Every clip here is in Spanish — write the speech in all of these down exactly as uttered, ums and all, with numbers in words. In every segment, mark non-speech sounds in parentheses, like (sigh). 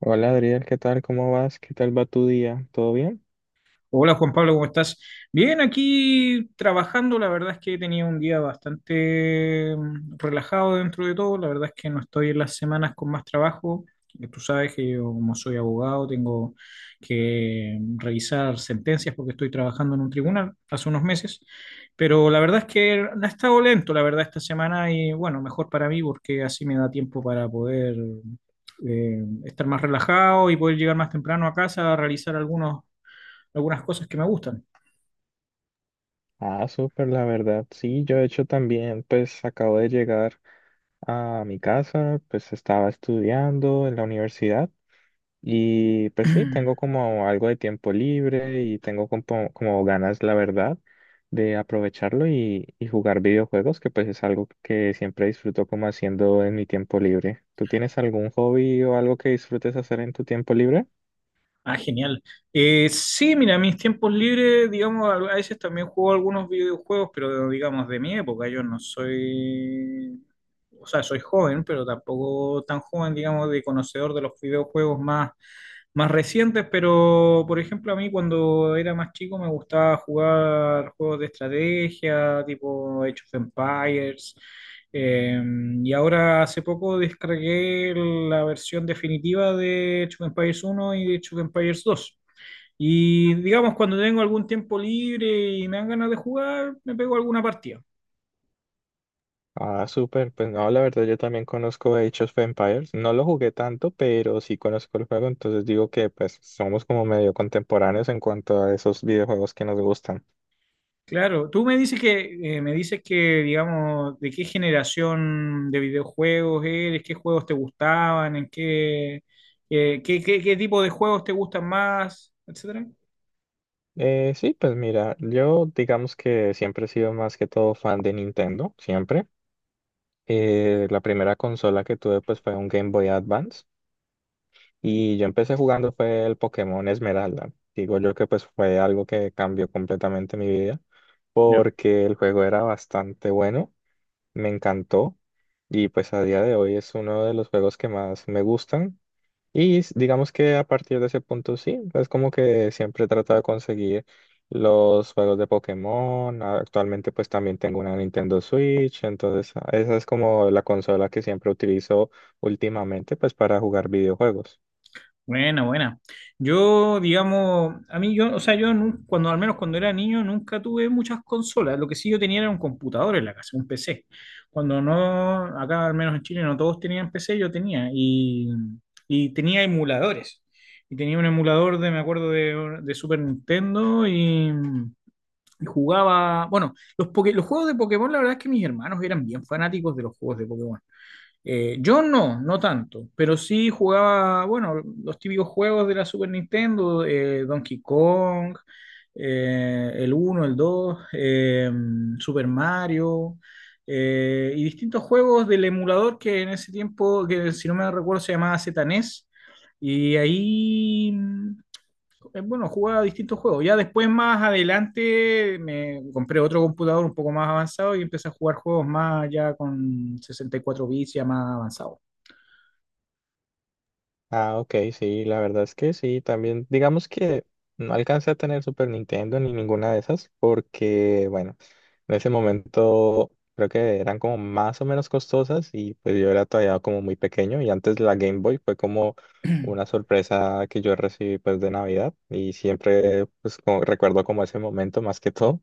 Hola Adriel, ¿qué tal? ¿Cómo vas? ¿Qué tal va tu día? ¿Todo bien? Hola Juan Pablo, ¿cómo estás? Bien, aquí trabajando, la verdad es que he tenido un día bastante mm, relajado dentro de todo, la verdad es que no estoy en las semanas con más trabajo. Eh, tú sabes que yo como soy abogado tengo que mm, revisar sentencias porque estoy trabajando en un tribunal hace unos meses, pero la verdad es que ha estado lento, la verdad, esta semana y bueno, mejor para mí porque así me da tiempo para poder eh, estar más relajado y poder llegar más temprano a casa a realizar algunos algunas cosas que me gustan. Ah, súper, la verdad. Sí, yo de hecho también, pues acabo de llegar a mi casa, pues estaba estudiando en la universidad y pues sí, tengo (clears throat) como algo de tiempo libre y tengo como, como ganas, la verdad, de aprovecharlo y, y jugar videojuegos, que pues es algo que siempre disfruto como haciendo en mi tiempo libre. ¿Tú tienes algún hobby o algo que disfrutes hacer en tu tiempo libre? Ah, genial. Eh, sí, mira, mis tiempos libres, digamos, a veces también juego algunos videojuegos, pero digamos de mi época, yo no soy, o sea, soy joven, pero tampoco tan joven, digamos, de conocedor de los videojuegos más, más recientes, pero por ejemplo, a mí cuando era más chico me gustaba jugar juegos de estrategia, tipo Age of Empires. Eh, y ahora hace poco descargué la versión definitiva de Age of Empires uno y de Age of Empires dos. Y digamos, cuando tengo algún tiempo libre y me dan ganas de jugar, me pego alguna partida. Ah, súper. Pues no, la verdad yo también conozco Age of Empires. No lo jugué tanto, pero sí conozco el juego, entonces digo que pues somos como medio contemporáneos en cuanto a esos videojuegos que nos gustan. Claro, tú me dices que, eh, me dices que, digamos, de qué generación de videojuegos eres, qué juegos te gustaban, en qué, eh, qué, qué- qué tipo de juegos te gustan más, etcétera. Eh, sí, pues mira, yo digamos que siempre he sido más que todo fan de Nintendo, siempre. Eh, la primera consola que tuve pues fue un Game Boy Advance y yo empecé jugando fue el Pokémon Esmeralda. Digo yo que pues fue algo que cambió completamente mi vida Ya. porque el juego era bastante bueno. Me encantó y pues a día de hoy es uno de los juegos que más me gustan. Y s- digamos que a partir de ese punto sí, es como que siempre trato de conseguir los juegos de Pokémon. Actualmente pues también tengo una Nintendo Switch, entonces ah, esa es como la consola que siempre utilizo últimamente pues para jugar videojuegos. Buena, buena. Yo, digamos, a mí yo, o sea, yo nun- cuando, al menos cuando era niño, nunca tuve muchas consolas. Lo que sí yo tenía era un computador en la casa, un P C. Cuando no, acá al menos en Chile no todos tenían P C, yo tenía. Y, y tenía emuladores. Y tenía un emulador de, me acuerdo, de, de Super Nintendo y, y jugaba, bueno, los, poke- los juegos de Pokémon. La verdad es que mis hermanos eran bien fanáticos de los juegos de Pokémon. Eh, yo no, no tanto, pero sí jugaba, bueno, los típicos juegos de la Super Nintendo. eh, Donkey Kong, eh, el uno el dos, eh, Super Mario, eh, y distintos juegos del emulador que en ese tiempo, que si no me recuerdo, se llamaba Z N E S, y ahí es bueno, jugaba distintos juegos. Ya después, más adelante, me compré otro computador un poco más avanzado y empecé a jugar juegos más ya con sesenta y cuatro bits, ya más avanzado. Ah, ok, sí, la verdad es que sí, también digamos que no alcancé a tener Super Nintendo ni ninguna de esas porque, bueno, en ese momento creo que eran como más o menos costosas y pues yo era todavía como muy pequeño y antes la Game Boy fue como una sorpresa que yo recibí pues de Navidad y siempre pues como- recuerdo como ese momento más que todo.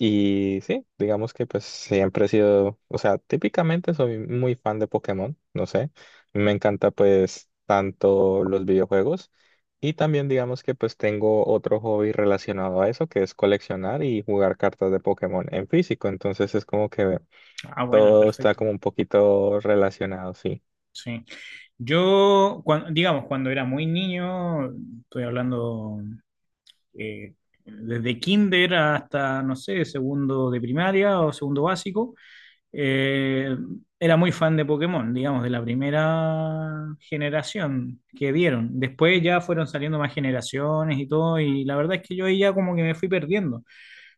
Y sí, digamos que pues siempre he sido, o sea, típicamente soy muy fan de Pokémon, no sé, me encanta pues tanto los videojuegos y también digamos que pues tengo otro hobby relacionado a eso que es coleccionar y jugar cartas de Pokémon en físico, entonces es como que Ah, bueno, todo está perfecto. como un poquito relacionado, sí. Sí. Yo, cuan- digamos, cuando era muy niño, estoy hablando, eh, desde kinder hasta, no sé, segundo de primaria o segundo básico. Eh, Era muy fan de Pokémon, digamos, de la primera generación que dieron. Después ya fueron saliendo más generaciones y todo, y la verdad es que yo ahí ya como que me fui perdiendo.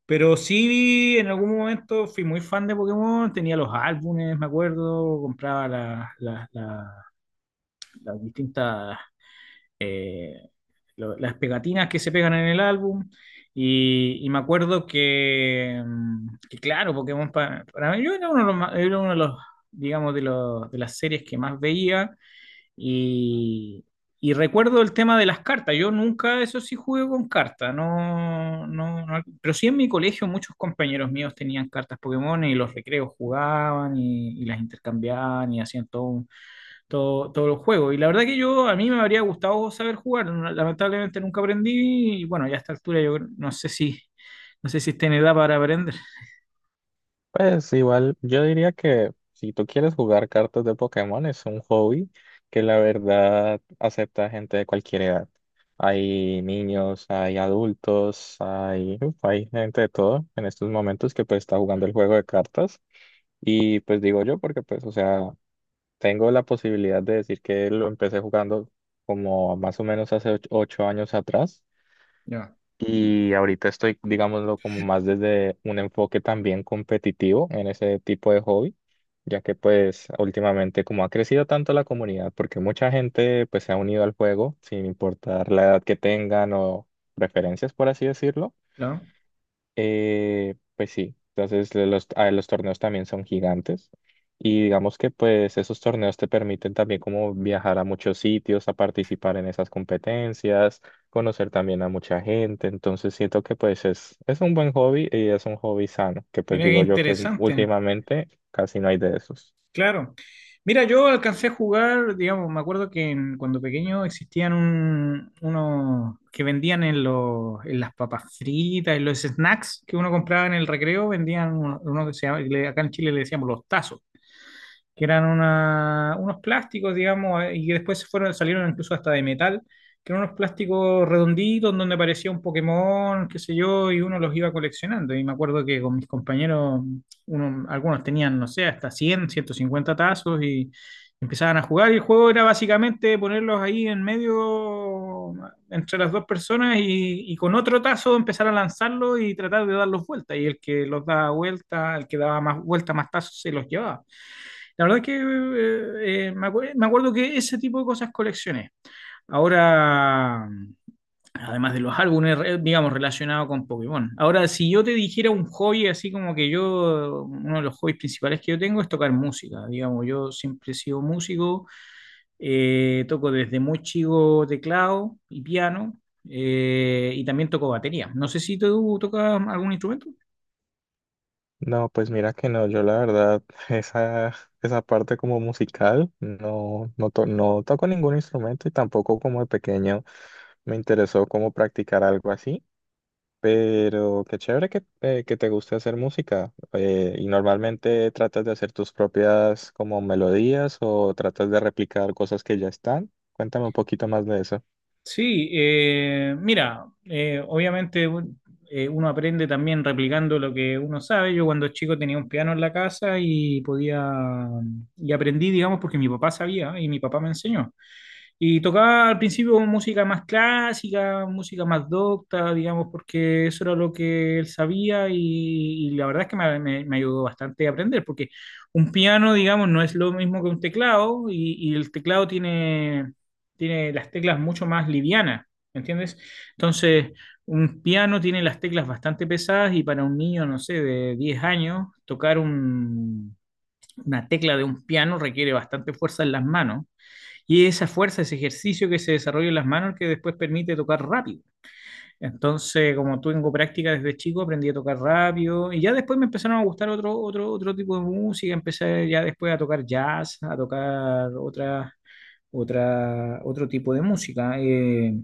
Pero sí, en algún momento fui muy fan de Pokémon, tenía los álbumes, me acuerdo, compraba las, las, las- las distintas lo- las pegatinas que se pegan en el álbum. Y, y me acuerdo que, mm, que, claro, Pokémon pa- para mí, yo era uno de los, era uno de los, digamos, de, los, de las series que más veía. Y, y recuerdo el tema de las cartas. Yo nunca, eso sí, jugué con cartas. No, no, no- pero sí en mi colegio muchos compañeros míos tenían cartas Pokémon y los recreos jugaban y, y las intercambiaban y hacían todo un todo, todos los juegos. Y la verdad que yo, a mí me habría gustado saber jugar, lamentablemente nunca aprendí y bueno, ya a esta altura yo creo, no sé si, no sé si está en edad para aprender. Pues igual, yo diría que si tú quieres jugar cartas de Pokémon es un hobby que la verdad acepta gente de cualquier edad. Hay niños, hay adultos, hay, uf, hay gente de todo en estos momentos que pues está jugando el juego de cartas. Y pues digo yo porque pues, o sea, tengo la posibilidad de decir que lo empecé jugando como más o menos hace och- ocho años atrás. Ya. Y ahorita estoy, digámoslo, como más desde un enfoque también competitivo en ese tipo de hobby, ya que pues últimamente como ha crecido tanto la comunidad, porque mucha gente pues se ha unido al juego sin importar la edad que tengan o preferencias, por así decirlo. Claro. Eh, pues sí, entonces lo- los, ah, los torneos también son gigantes y digamos que pues esos torneos te permiten también como viajar a muchos sitios, a participar en esas competencias, conocer también a mucha gente, entonces siento que pues es, es un buen hobby y es un hobby sano, que pues Mira qué digo yo que interesante. últimamente casi no hay de esos. Claro. Mira, yo alcancé a jugar, digamos, me acuerdo que en- cuando pequeño existían un- unos que vendían en, los, en las papas fritas, en los snacks que uno compraba en el recreo, vendían uno, uno que se llama, le- acá en Chile le decíamos los tazos, que eran una- unos plásticos, digamos, eh, y que después se fueron, salieron incluso hasta de metal, que eran unos plásticos redonditos donde aparecía un Pokémon, qué sé yo, y uno los iba coleccionando. Y me acuerdo que con mis compañeros, uno- algunos tenían, no sé, hasta cien, ciento cincuenta tazos y empezaban a jugar. Y el juego era básicamente ponerlos ahí en medio, entre las dos personas, y, y con otro tazo empezar a lanzarlo y tratar de darlos vuelta. Y el que los daba vuelta, el que daba más vuelta, más tazos, se los llevaba. La verdad que eh, eh, me, acu- me acuerdo que ese tipo de cosas coleccioné. Ahora, además de los álbumes, re- digamos, relacionados con Pokémon. Ahora, si yo te dijera un hobby, así como que yo, uno de los hobbies principales que yo tengo es tocar música. Digamos, yo siempre he sido músico, eh, toco desde muy chico teclado y piano, eh, y también toco batería. No sé si tú tocas algún instrumento. No, pues mira que no, yo la verdad, (laughs) esa, esa parte como musical, no, no, to- no toco ningún instrumento y tampoco como de pequeño. Me interesó cómo practicar algo así, pero qué chévere que, eh, que te guste hacer música. Eh, ¿y normalmente tratas de hacer tus propias como melodías o tratas de replicar cosas que ya están? Cuéntame un poquito más de eso. Sí, eh, mira, eh, obviamente un- eh, uno aprende también replicando lo que uno sabe. Yo cuando chico tenía un piano en la casa y podía, y aprendí, digamos, porque mi papá sabía y mi papá me enseñó. Y tocaba al principio música más clásica, música más docta, digamos, porque eso era lo que él sabía y, y la verdad es que me, me- me ayudó bastante a aprender, porque un piano, digamos, no es lo mismo que un teclado y, y el teclado tiene tiene las teclas mucho más livianas, ¿entiendes? Entonces, un piano tiene las teclas bastante pesadas y para un niño, no sé, de diez años, tocar un, una tecla de un piano requiere bastante fuerza en las manos y esa fuerza, ese ejercicio que se desarrolla en las manos que después permite tocar rápido. Entonces, como tengo práctica desde chico, aprendí a tocar rápido y ya después me empezaron a gustar otro, otro, otro tipo de música, empecé ya después a tocar jazz, a tocar otras otra, otro tipo de música. eh.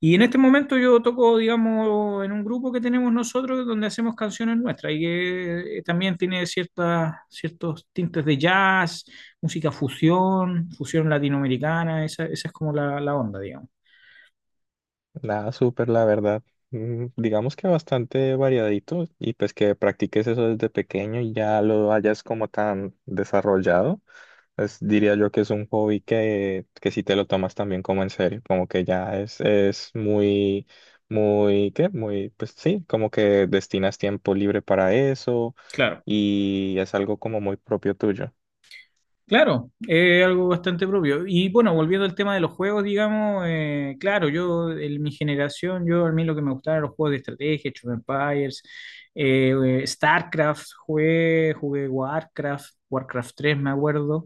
Y en este momento yo toco, digamos, en un grupo que tenemos nosotros donde hacemos canciones nuestras y que eh, también tiene ciertas, ciertos tintes de jazz, música fusión, fusión latinoamericana. esa, esa es como la, la onda, digamos. Nada, súper, la verdad. Mm, Digamos que bastante variadito y pues que practiques eso desde pequeño y ya lo hayas como tan desarrollado. Pues diría yo que es un hobby que, que si te lo tomas también como en serio, como que ya es, es muy, muy, ¿qué? Muy, pues sí, como que destinas tiempo libre para eso Claro. y es algo como muy propio tuyo. Claro, es algo bastante propio. Y bueno, volviendo al tema de los juegos, digamos, eh, claro, yo, en mi generación, yo a mí lo que me gustaban eran los juegos de estrategia, Age of Empires, eh, eh, StarCraft, jugué, jugué Warcraft, Warcraft tres, me acuerdo.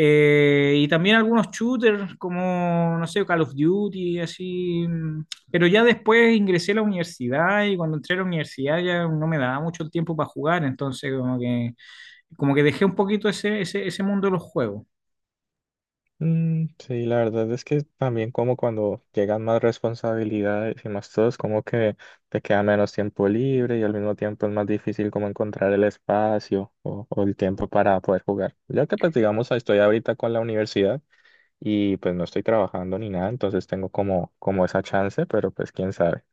Eh, y también algunos shooters como, no sé, Call of Duty, así. mm, Pero ya después ingresé a la universidad y cuando entré a la universidad ya no me daba mucho el tiempo para jugar, entonces como que como que dejé un poquito ese, ese, ese mundo de los juegos. Mm, sí, la verdad es que también como cuando llegan más responsabilidades y más todo, es como que te queda menos tiempo libre y al mismo tiempo es más difícil como encontrar el espacio o, o el tiempo para poder jugar. Ya que pues digamos estoy ahorita con la universidad y pues no estoy trabajando ni nada, entonces tengo como, como esa chance, pero pues quién sabe.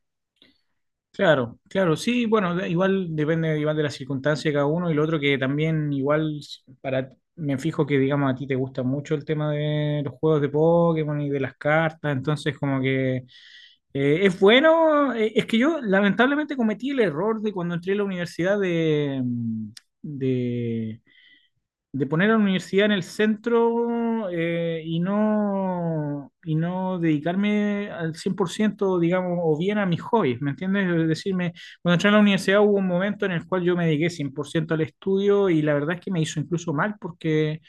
Claro, claro, sí, bueno, de- igual depende igual de las circunstancias de cada uno y lo otro que también igual s- para, me fijo que digamos a ti te gusta mucho el tema de los juegos de Pokémon y de las cartas, entonces como que eh, es bueno, eh, es que yo lamentablemente cometí el error de cuando entré a la universidad de, mm, de de poner a la universidad en el centro, eh, y no, y no dedicarme al cien por ciento digamos, o bien a mis hobbies, ¿me entiendes? Es decirme, cuando entré a la universidad hubo un momento en el cual yo me dediqué cien por ciento al estudio y la verdad es que me hizo incluso mal porque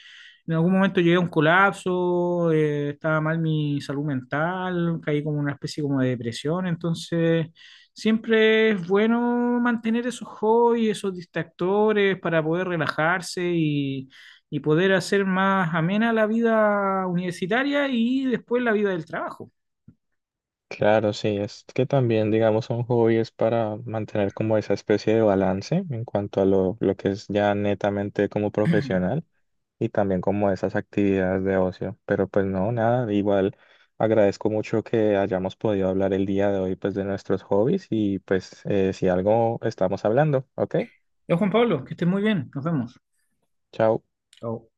en algún momento llegué a un colapso. Eh, estaba mal mi salud mental, caí como en una especie como de depresión, entonces... Siempre es bueno mantener esos hobbies, esos distractores para poder relajarse y, y poder hacer más amena la vida universitaria y después la vida del trabajo. Claro, sí, es que también, digamos, son hobbies para mantener como esa especie de balance en cuanto a lo, lo que es ya netamente como profesional y también como esas actividades de ocio. Pero pues no, nada, igual agradezco mucho que hayamos podido hablar el día de hoy pues de nuestros hobbies y pues eh, si algo estamos hablando, ¿ok? Yo, Juan Pablo, que estés muy bien. Nos vemos. Chao. Chao.